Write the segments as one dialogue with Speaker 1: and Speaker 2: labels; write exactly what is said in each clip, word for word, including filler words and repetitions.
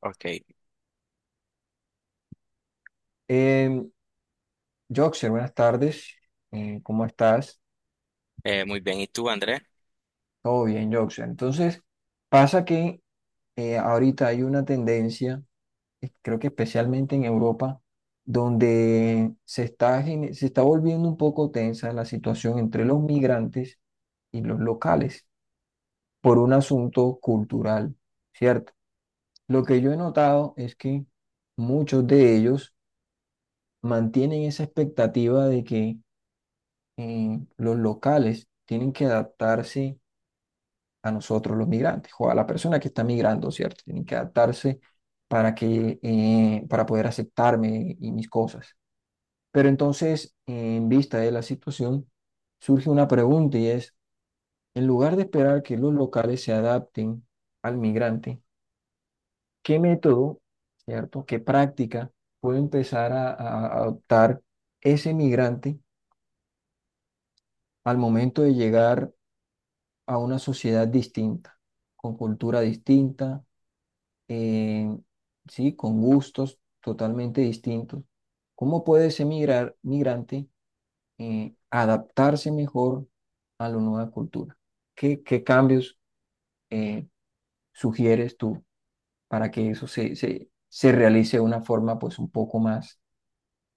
Speaker 1: Ok.
Speaker 2: Eh, Joxer, buenas tardes. Eh, ¿cómo estás?
Speaker 1: Eh, muy bien. ¿Y tú, Andrés?
Speaker 2: Todo bien, Joxer. Entonces, pasa que eh, ahorita hay una tendencia, eh, creo que especialmente en Europa, donde se está, gene- se está volviendo un poco tensa la situación entre los migrantes y los locales por un asunto cultural, ¿cierto? Lo que yo he notado es que muchos de ellos mantienen esa expectativa de que eh, los locales tienen que adaptarse a nosotros los migrantes o a la persona que está migrando, ¿cierto? Tienen que adaptarse para que, eh, para poder aceptarme y mis cosas. Pero entonces, en vista de la situación, surge una pregunta y es, en lugar de esperar que los locales se adapten al migrante, ¿qué método? ¿Cierto? ¿Qué práctica puede empezar a, a a adoptar ese migrante al momento de llegar a una sociedad distinta, con cultura distinta, eh, sí, con gustos totalmente distintos? ¿Cómo puede ese migrar, migrante eh, adaptarse mejor a la nueva cultura? ¿Qué, qué cambios eh, sugieres tú para que eso se, se, se realice de una forma pues un poco más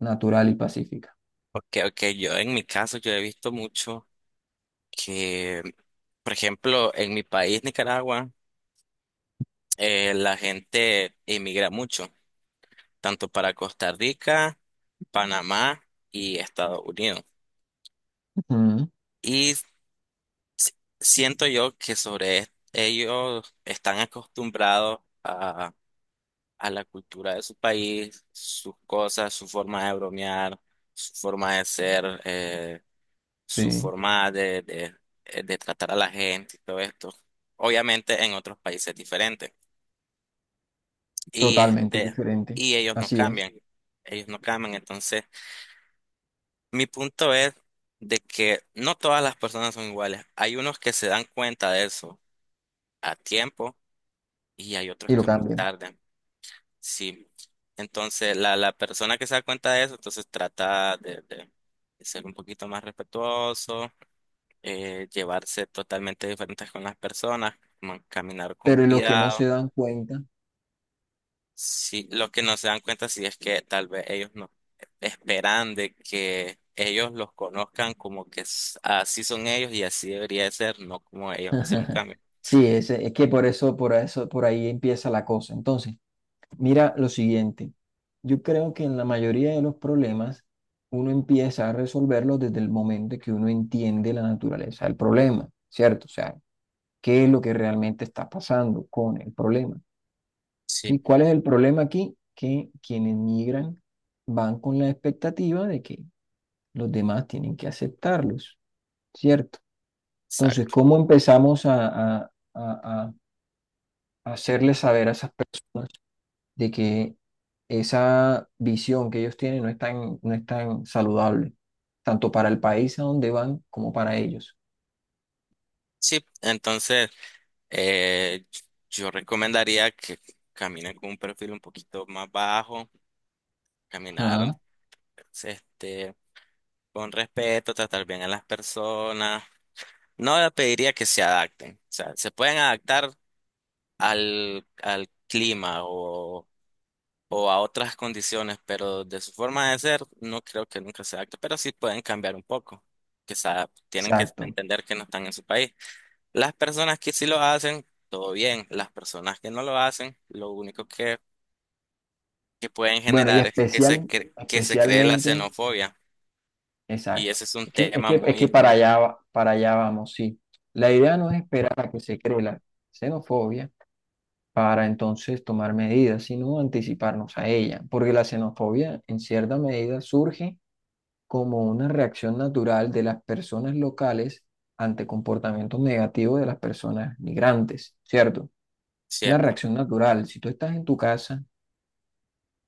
Speaker 2: natural y pacífica?
Speaker 1: Ok, ok, yo en mi caso yo he visto mucho que, por ejemplo, en mi país, Nicaragua, eh, la gente emigra mucho, tanto para Costa Rica, Panamá y Estados Unidos.
Speaker 2: Ujú.
Speaker 1: Y s- Siento yo que sobre es- ellos están acostumbrados a, a la cultura de su país, sus cosas, su forma de bromear, su forma de ser. Eh, su
Speaker 2: Sí,
Speaker 1: forma de, de, eh, de tratar a la gente y todo esto. Obviamente en otros países es diferente. Y
Speaker 2: totalmente
Speaker 1: este,
Speaker 2: diferente.
Speaker 1: y ellos no
Speaker 2: Así es.
Speaker 1: cambian. Ellos no cambian. Entonces, mi punto es de que no todas las personas son iguales. Hay unos que se dan cuenta de eso a tiempo y hay otros
Speaker 2: Y lo
Speaker 1: que muy
Speaker 2: cambian.
Speaker 1: tarde. Sí. Entonces, la, la persona que se da cuenta de eso, entonces trata de, de de ser un poquito más respetuoso, eh, llevarse totalmente diferentes con las personas, man- caminar con
Speaker 2: Pero en los que no se
Speaker 1: cuidado.
Speaker 2: dan cuenta.
Speaker 1: Sí, lo que no se dan cuenta sí es que tal vez ellos no esperan de que ellos los conozcan como que s- así son ellos y así debería de ser, no como ellos hacer un cambio.
Speaker 2: Sí, es, es que por eso, por eso, por ahí empieza la cosa. Entonces, mira lo siguiente. Yo creo que en la mayoría de los problemas uno empieza a resolverlos desde el momento que uno entiende la naturaleza del problema, ¿cierto? O sea, ¿qué es lo que realmente está pasando con el problema? ¿Sí?
Speaker 1: Sí,
Speaker 2: ¿Cuál es el problema aquí? Que quienes migran van con la expectativa de que los demás tienen que aceptarlos, ¿cierto? Entonces,
Speaker 1: exacto.
Speaker 2: ¿cómo empezamos a, a, a, hacerles saber a esas personas de que esa visión que ellos tienen no es tan, no es tan saludable, tanto para el país a donde van como para ellos?
Speaker 1: Sí, entonces, eh, yo recomendaría que caminen con un perfil un poquito más bajo, caminar,
Speaker 2: Ajá.
Speaker 1: este, con respeto, tratar bien a las personas. No le pediría que se adapten. O sea, se pueden adaptar al, al clima o, o a otras condiciones, pero de su forma de ser, no creo que nunca se adapte, pero sí pueden cambiar un poco. Que se adap- tienen que
Speaker 2: Exacto.
Speaker 1: entender que no están en su país. Las personas que sí lo hacen, todo bien. Las personas que no lo hacen, lo único que, que pueden
Speaker 2: Bueno, y
Speaker 1: generar es que se,
Speaker 2: especial,
Speaker 1: cre- que se cree la
Speaker 2: especialmente,
Speaker 1: xenofobia. Y
Speaker 2: exacto.
Speaker 1: ese es un
Speaker 2: Es que, es
Speaker 1: tema
Speaker 2: que, es que
Speaker 1: muy,
Speaker 2: para
Speaker 1: muy
Speaker 2: allá, va- para allá vamos, sí. La idea no es esperar a que se cree la xenofobia para entonces tomar medidas, sino anticiparnos a ella, porque la xenofobia en cierta medida surge como una reacción natural de las personas locales ante comportamientos negativos de las personas migrantes, ¿cierto? Una
Speaker 1: cierto.
Speaker 2: reacción natural. Si tú estás en tu casa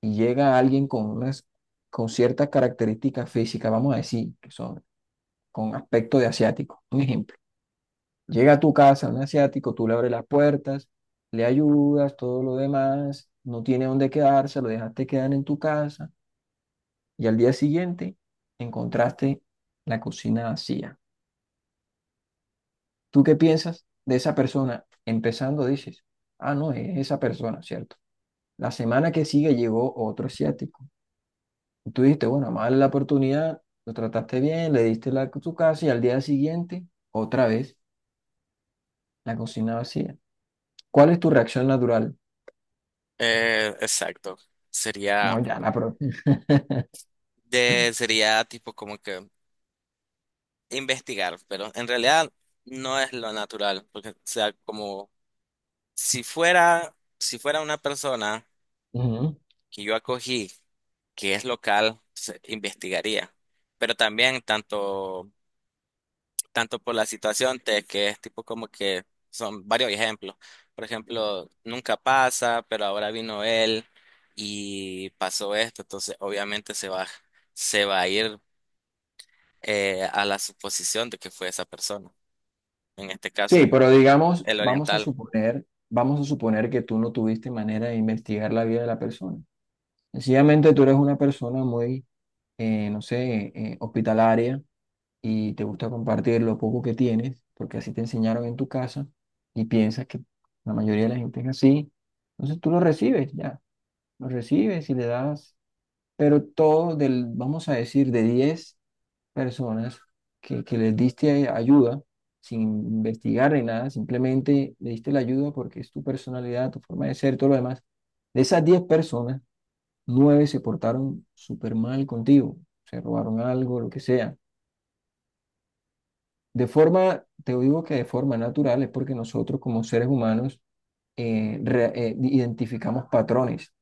Speaker 2: y llega alguien con unas, con ciertas características físicas, vamos a decir, que son con aspecto de asiático, un ejemplo. Llega a tu casa un asiático, tú le abres las puertas, le ayudas, todo lo demás, no tiene dónde quedarse, lo dejaste quedar en tu casa y al día siguiente encontraste la cocina vacía. ¿Tú qué piensas de esa persona? Empezando dices, ah, no, es esa persona, ¿cierto? La semana que sigue llegó otro asiático. Y tú dijiste, bueno, más la oportunidad, lo trataste bien, le diste la, su casa y al día siguiente, otra vez, la cocina vacía. ¿Cuál es tu reacción natural?
Speaker 1: Eh, exacto.
Speaker 2: No,
Speaker 1: Sería.
Speaker 2: ya la propia.
Speaker 1: De, sería tipo como que investigar, pero en realidad no es lo natural, porque o sea como si fuera, si fuera una persona
Speaker 2: Ujú.
Speaker 1: que yo acogí, que es local, se investigaría. Pero también tanto, tanto por la situación de que es tipo como que son varios ejemplos. Por ejemplo, nunca pasa, pero ahora vino él y pasó esto, entonces obviamente se va, se va a ir, eh, a la suposición de que fue esa persona. En este
Speaker 2: Sí,
Speaker 1: caso,
Speaker 2: pero digamos,
Speaker 1: el
Speaker 2: vamos a
Speaker 1: oriental.
Speaker 2: suponer, vamos a suponer que tú no tuviste manera de investigar la vida de la persona. Sencillamente tú eres una persona muy, eh, no sé, eh, hospitalaria y te gusta compartir lo poco que tienes, porque así te enseñaron en tu casa y piensas que la mayoría de la gente es así, entonces tú lo recibes ya, lo recibes y le das, pero todo del, vamos a decir, de diez personas que, que les diste ayuda, sin investigar ni nada, simplemente le diste la ayuda porque es tu personalidad, tu forma de ser, todo lo demás. De esas diez personas, nueve se portaron súper mal contigo, se robaron algo, lo que sea. De forma, te digo que de forma natural es porque nosotros como seres humanos eh, re- eh, identificamos patrones,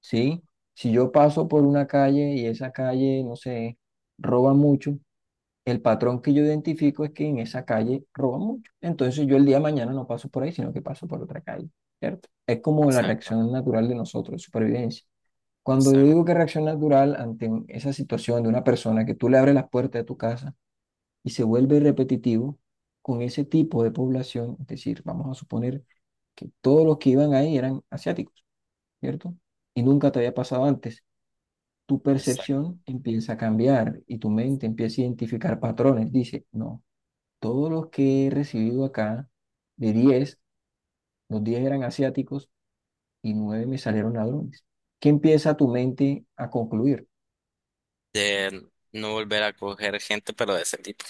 Speaker 2: ¿sí? Si yo paso por una calle y esa calle, no sé, roba mucho, el patrón que yo identifico es que en esa calle roba mucho. Entonces yo el día de mañana no paso por ahí, sino que paso por otra calle, ¿cierto? Es como la
Speaker 1: Exacto,
Speaker 2: reacción natural de nosotros, supervivencia. Cuando yo digo
Speaker 1: exacto,
Speaker 2: que reacción natural ante un- esa situación de una persona que tú le abres las puertas de tu casa, y se vuelve repetitivo con ese tipo de población, es decir, vamos a suponer que todos los que iban ahí eran asiáticos, ¿cierto? Y nunca te había pasado antes. Tu
Speaker 1: exacto.
Speaker 2: percepción empieza a cambiar y tu mente empieza a identificar patrones. Dice, no, todos los que he recibido acá, de diez los diez eran asiáticos y nueve me salieron ladrones. ¿Qué empieza tu mente a concluir?
Speaker 1: De no volver a coger gente, pero de ese tipo.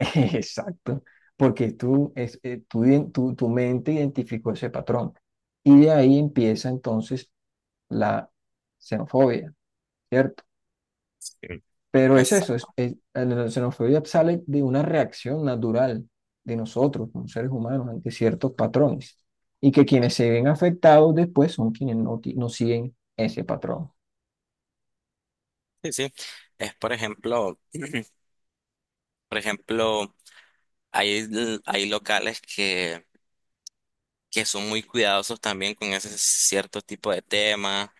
Speaker 2: Exacto, porque tú, es, eh, tú iden- tu, tu mente identificó ese patrón y de ahí empieza entonces la xenofobia, ¿cierto?
Speaker 1: Sí.
Speaker 2: Pero es eso, es,
Speaker 1: Exacto.
Speaker 2: es- la xenofobia sale de una reacción natural de nosotros como seres humanos ante ciertos patrones y que quienes se ven afectados después son quienes no, ti- no siguen ese patrón.
Speaker 1: Sí, sí. Es por ejemplo, por ejemplo, hay, l- hay locales que, que son muy cuidadosos también con ese cierto tipo de temas,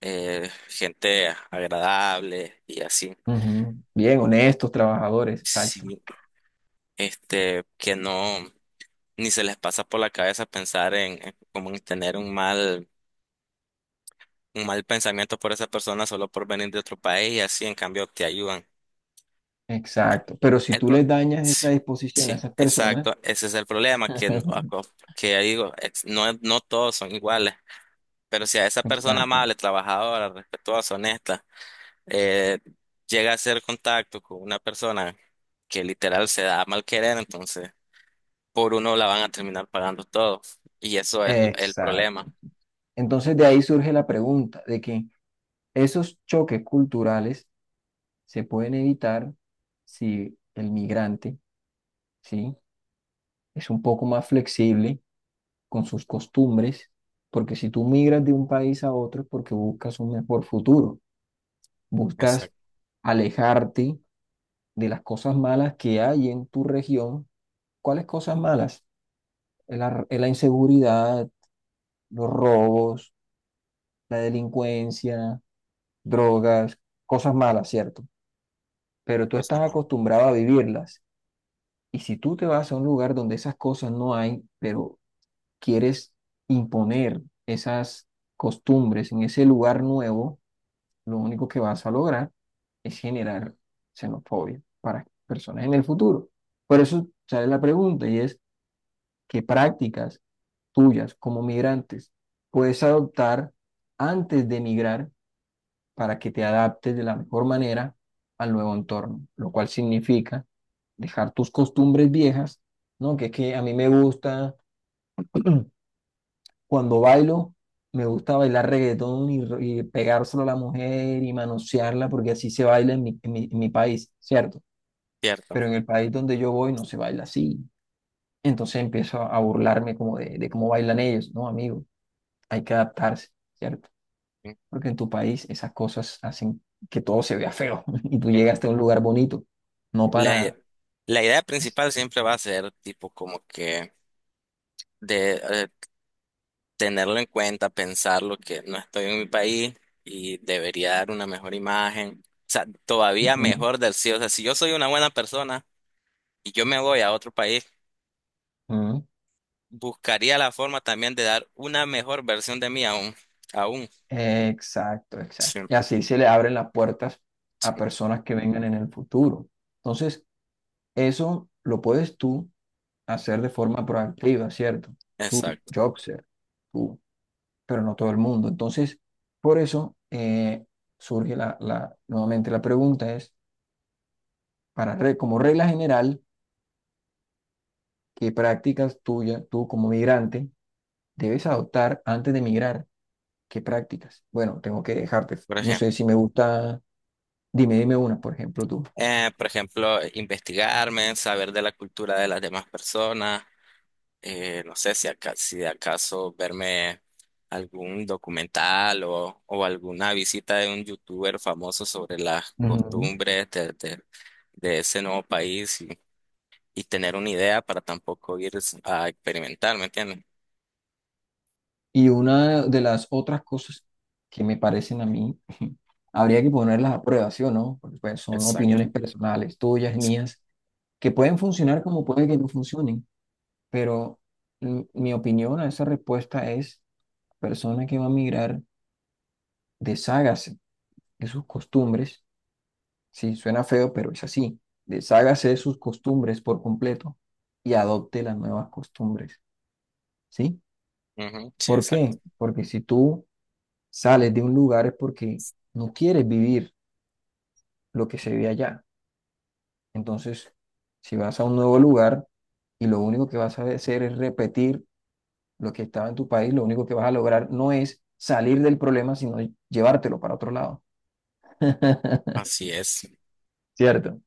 Speaker 1: eh, gente agradable y así.
Speaker 2: Ujú. Bien, honestos, trabajadores, exacto,
Speaker 1: Sí, este, que no, ni se les pasa por la cabeza pensar en, en como en tener un mal un mal pensamiento por esa persona solo por venir de otro país y así en cambio te ayudan.
Speaker 2: exacto. Pero si
Speaker 1: El
Speaker 2: tú
Speaker 1: pro-
Speaker 2: les dañas
Speaker 1: sí,
Speaker 2: esa disposición a
Speaker 1: sí,
Speaker 2: esas personas.
Speaker 1: exacto, ese es el problema que, no- aco- que ya digo, ex- no, no todos son iguales, pero si a esa persona
Speaker 2: Exacto,
Speaker 1: amable, trabajadora, respetuosa, honesta, eh, llega a hacer contacto con una persona que literal se da a mal querer, entonces por uno la van a terminar pagando todo y eso es el el
Speaker 2: exacto.
Speaker 1: problema.
Speaker 2: Entonces de ahí surge la pregunta de que esos choques culturales se pueden evitar si el migrante, ¿sí? Es un poco más flexible con sus costumbres, porque si tú migras de un país a otro es porque buscas un mejor futuro, buscas
Speaker 1: Exacto,
Speaker 2: alejarte de las cosas malas que hay en tu región. ¿Cuáles cosas malas? la la inseguridad, los robos, la delincuencia, drogas, cosas malas, ¿cierto? Pero tú estás
Speaker 1: cosas más.
Speaker 2: acostumbrado a vivirlas. Y si tú te vas a un lugar donde esas cosas no hay, pero quieres imponer esas costumbres en ese lugar nuevo, lo único que vas a lograr es generar xenofobia para personas en el futuro. Por eso sale la pregunta y es, ¿qué prácticas tuyas como migrantes puedes adoptar antes de emigrar para que te adaptes de la mejor manera al nuevo entorno, lo cual significa dejar tus costumbres viejas? ¿No? Que es que a mí me gusta, cuando bailo, me gusta bailar reggaetón y, r- y pegárselo a la mujer y manosearla, porque así se baila en mi, en mi, en mi país, ¿cierto?
Speaker 1: Cierto.
Speaker 2: Pero en el país donde yo voy no se baila así. Entonces empiezo a burlarme como de, de cómo bailan ellos, ¿no, amigo? Hay que adaptarse, ¿cierto?
Speaker 1: Sí,
Speaker 2: Porque en tu país esas cosas hacen que todo se vea feo y tú
Speaker 1: sí.
Speaker 2: llegaste a un lugar bonito. No
Speaker 1: La,
Speaker 2: para...
Speaker 1: la idea
Speaker 2: es-
Speaker 1: principal siempre va a ser tipo como que de eh, tenerlo en cuenta, pensar lo que no estoy en mi país y debería dar una mejor imagen. O sea, todavía
Speaker 2: Ujú,
Speaker 1: mejor del sí. O sea, si yo soy una buena persona y yo me voy a otro país,
Speaker 2: ujú.
Speaker 1: buscaría la forma también de dar una mejor versión de mí aún. Aún.
Speaker 2: Exacto,
Speaker 1: Sí,
Speaker 2: exacto. Y así se le abren las puertas a personas que vengan en el futuro. Entonces, eso lo puedes tú hacer de forma proactiva, ¿cierto? Tú,
Speaker 1: exacto.
Speaker 2: Jobser, tú, pero no todo el mundo. Entonces, por eso eh, surge la, la- nuevamente la pregunta es, para, re- como regla general, ¿qué prácticas tuya, tú como migrante, debes adoptar antes de migrar? ¿Qué prácticas? Bueno, tengo que dejarte.
Speaker 1: Por
Speaker 2: No sé si
Speaker 1: ejemplo,
Speaker 2: me gusta, dime, dime una, por ejemplo, tú.
Speaker 1: eh, por ejemplo, investigarme, saber de la cultura de las demás personas, eh, no sé si, aca- si de acaso verme algún documental o, o alguna visita de un youtuber famoso sobre las
Speaker 2: Ujú.
Speaker 1: costumbres de, de- de ese nuevo país y, y tener una idea para tampoco ir a experimentar, ¿me entiendes?
Speaker 2: Y una de las otras cosas que me parecen a mí, habría que ponerlas a prueba, ¿sí o no? Porque pues, son
Speaker 1: Exacto.
Speaker 2: opiniones personales, tuyas, mías, que pueden funcionar como puede que no funcionen, pero mi mi opinión a esa respuesta es, persona que va a migrar, deshágase de sus costumbres. Sí, suena feo, pero es así. Deshágase de sus costumbres por completo y adopte las nuevas costumbres, ¿sí?
Speaker 1: Ujú, sí,
Speaker 2: ¿Por
Speaker 1: exacto.
Speaker 2: qué? Porque si tú sales de un lugar es porque no quieres vivir lo que se ve allá. Entonces, si vas a un nuevo lugar y lo único que vas a hacer es repetir lo que estaba en tu país, lo único que vas a lograr no es salir del problema, sino llevártelo para otro lado.
Speaker 1: Así es,
Speaker 2: ¿Cierto?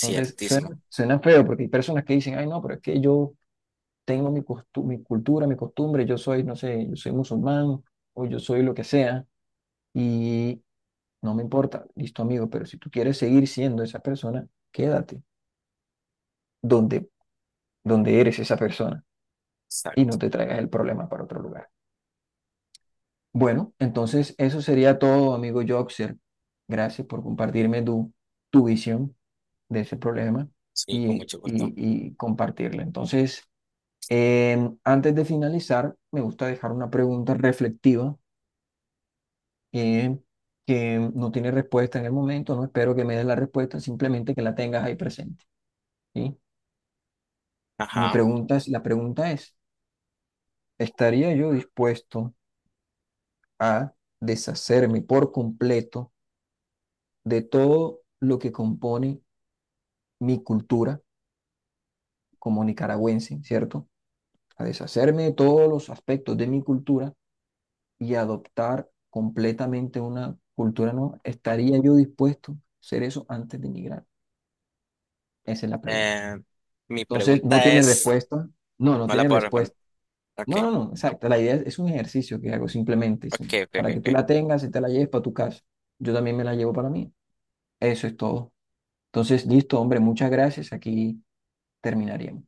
Speaker 2: Entonces, suena, suena feo porque hay personas que dicen, ay, no, pero es que yo tengo mi, costu- mi cultura, mi costumbre, yo soy, no sé, yo soy musulmán o yo soy lo que sea y no me importa, listo amigo, pero si tú quieres seguir siendo esa persona, quédate donde, donde eres esa persona y no
Speaker 1: Exacto.
Speaker 2: te traigas el problema para otro lugar. Bueno, entonces eso sería todo, amigo Joxer. Gracias por compartirme tu, tu visión de ese problema
Speaker 1: Sí,
Speaker 2: y,
Speaker 1: con
Speaker 2: y,
Speaker 1: mucho gusto.
Speaker 2: y compartirla. Entonces, em, antes de finalizar, me gusta dejar una pregunta reflectiva que, que no tiene respuesta en el momento, no espero que me des la respuesta, simplemente que la tengas ahí presente, ¿sí? Mi
Speaker 1: Ajá.
Speaker 2: pregunta es, la pregunta es, ¿estaría yo dispuesto a deshacerme por completo de todo lo que compone mi cultura como nicaragüense? ¿Cierto? A deshacerme de todos los aspectos de mi cultura y adoptar completamente una cultura nueva. ¿Estaría yo dispuesto a hacer eso antes de emigrar? Esa es la pregunta.
Speaker 1: Eh, Mi
Speaker 2: Entonces, no
Speaker 1: pregunta
Speaker 2: tiene
Speaker 1: es,
Speaker 2: respuesta. No, no
Speaker 1: no la
Speaker 2: tiene
Speaker 1: puedo responder.
Speaker 2: respuesta.
Speaker 1: Ok,
Speaker 2: No, no, no, exacto. La idea es, es un ejercicio que hago simplemente. Es
Speaker 1: ok,
Speaker 2: un-
Speaker 1: ok,
Speaker 2: para
Speaker 1: ok.
Speaker 2: que tú la
Speaker 1: Ok.
Speaker 2: tengas y te la lleves para tu casa. Yo también me la llevo para mí. Eso es todo. Entonces, listo, hombre, muchas gracias. Aquí terminaríamos.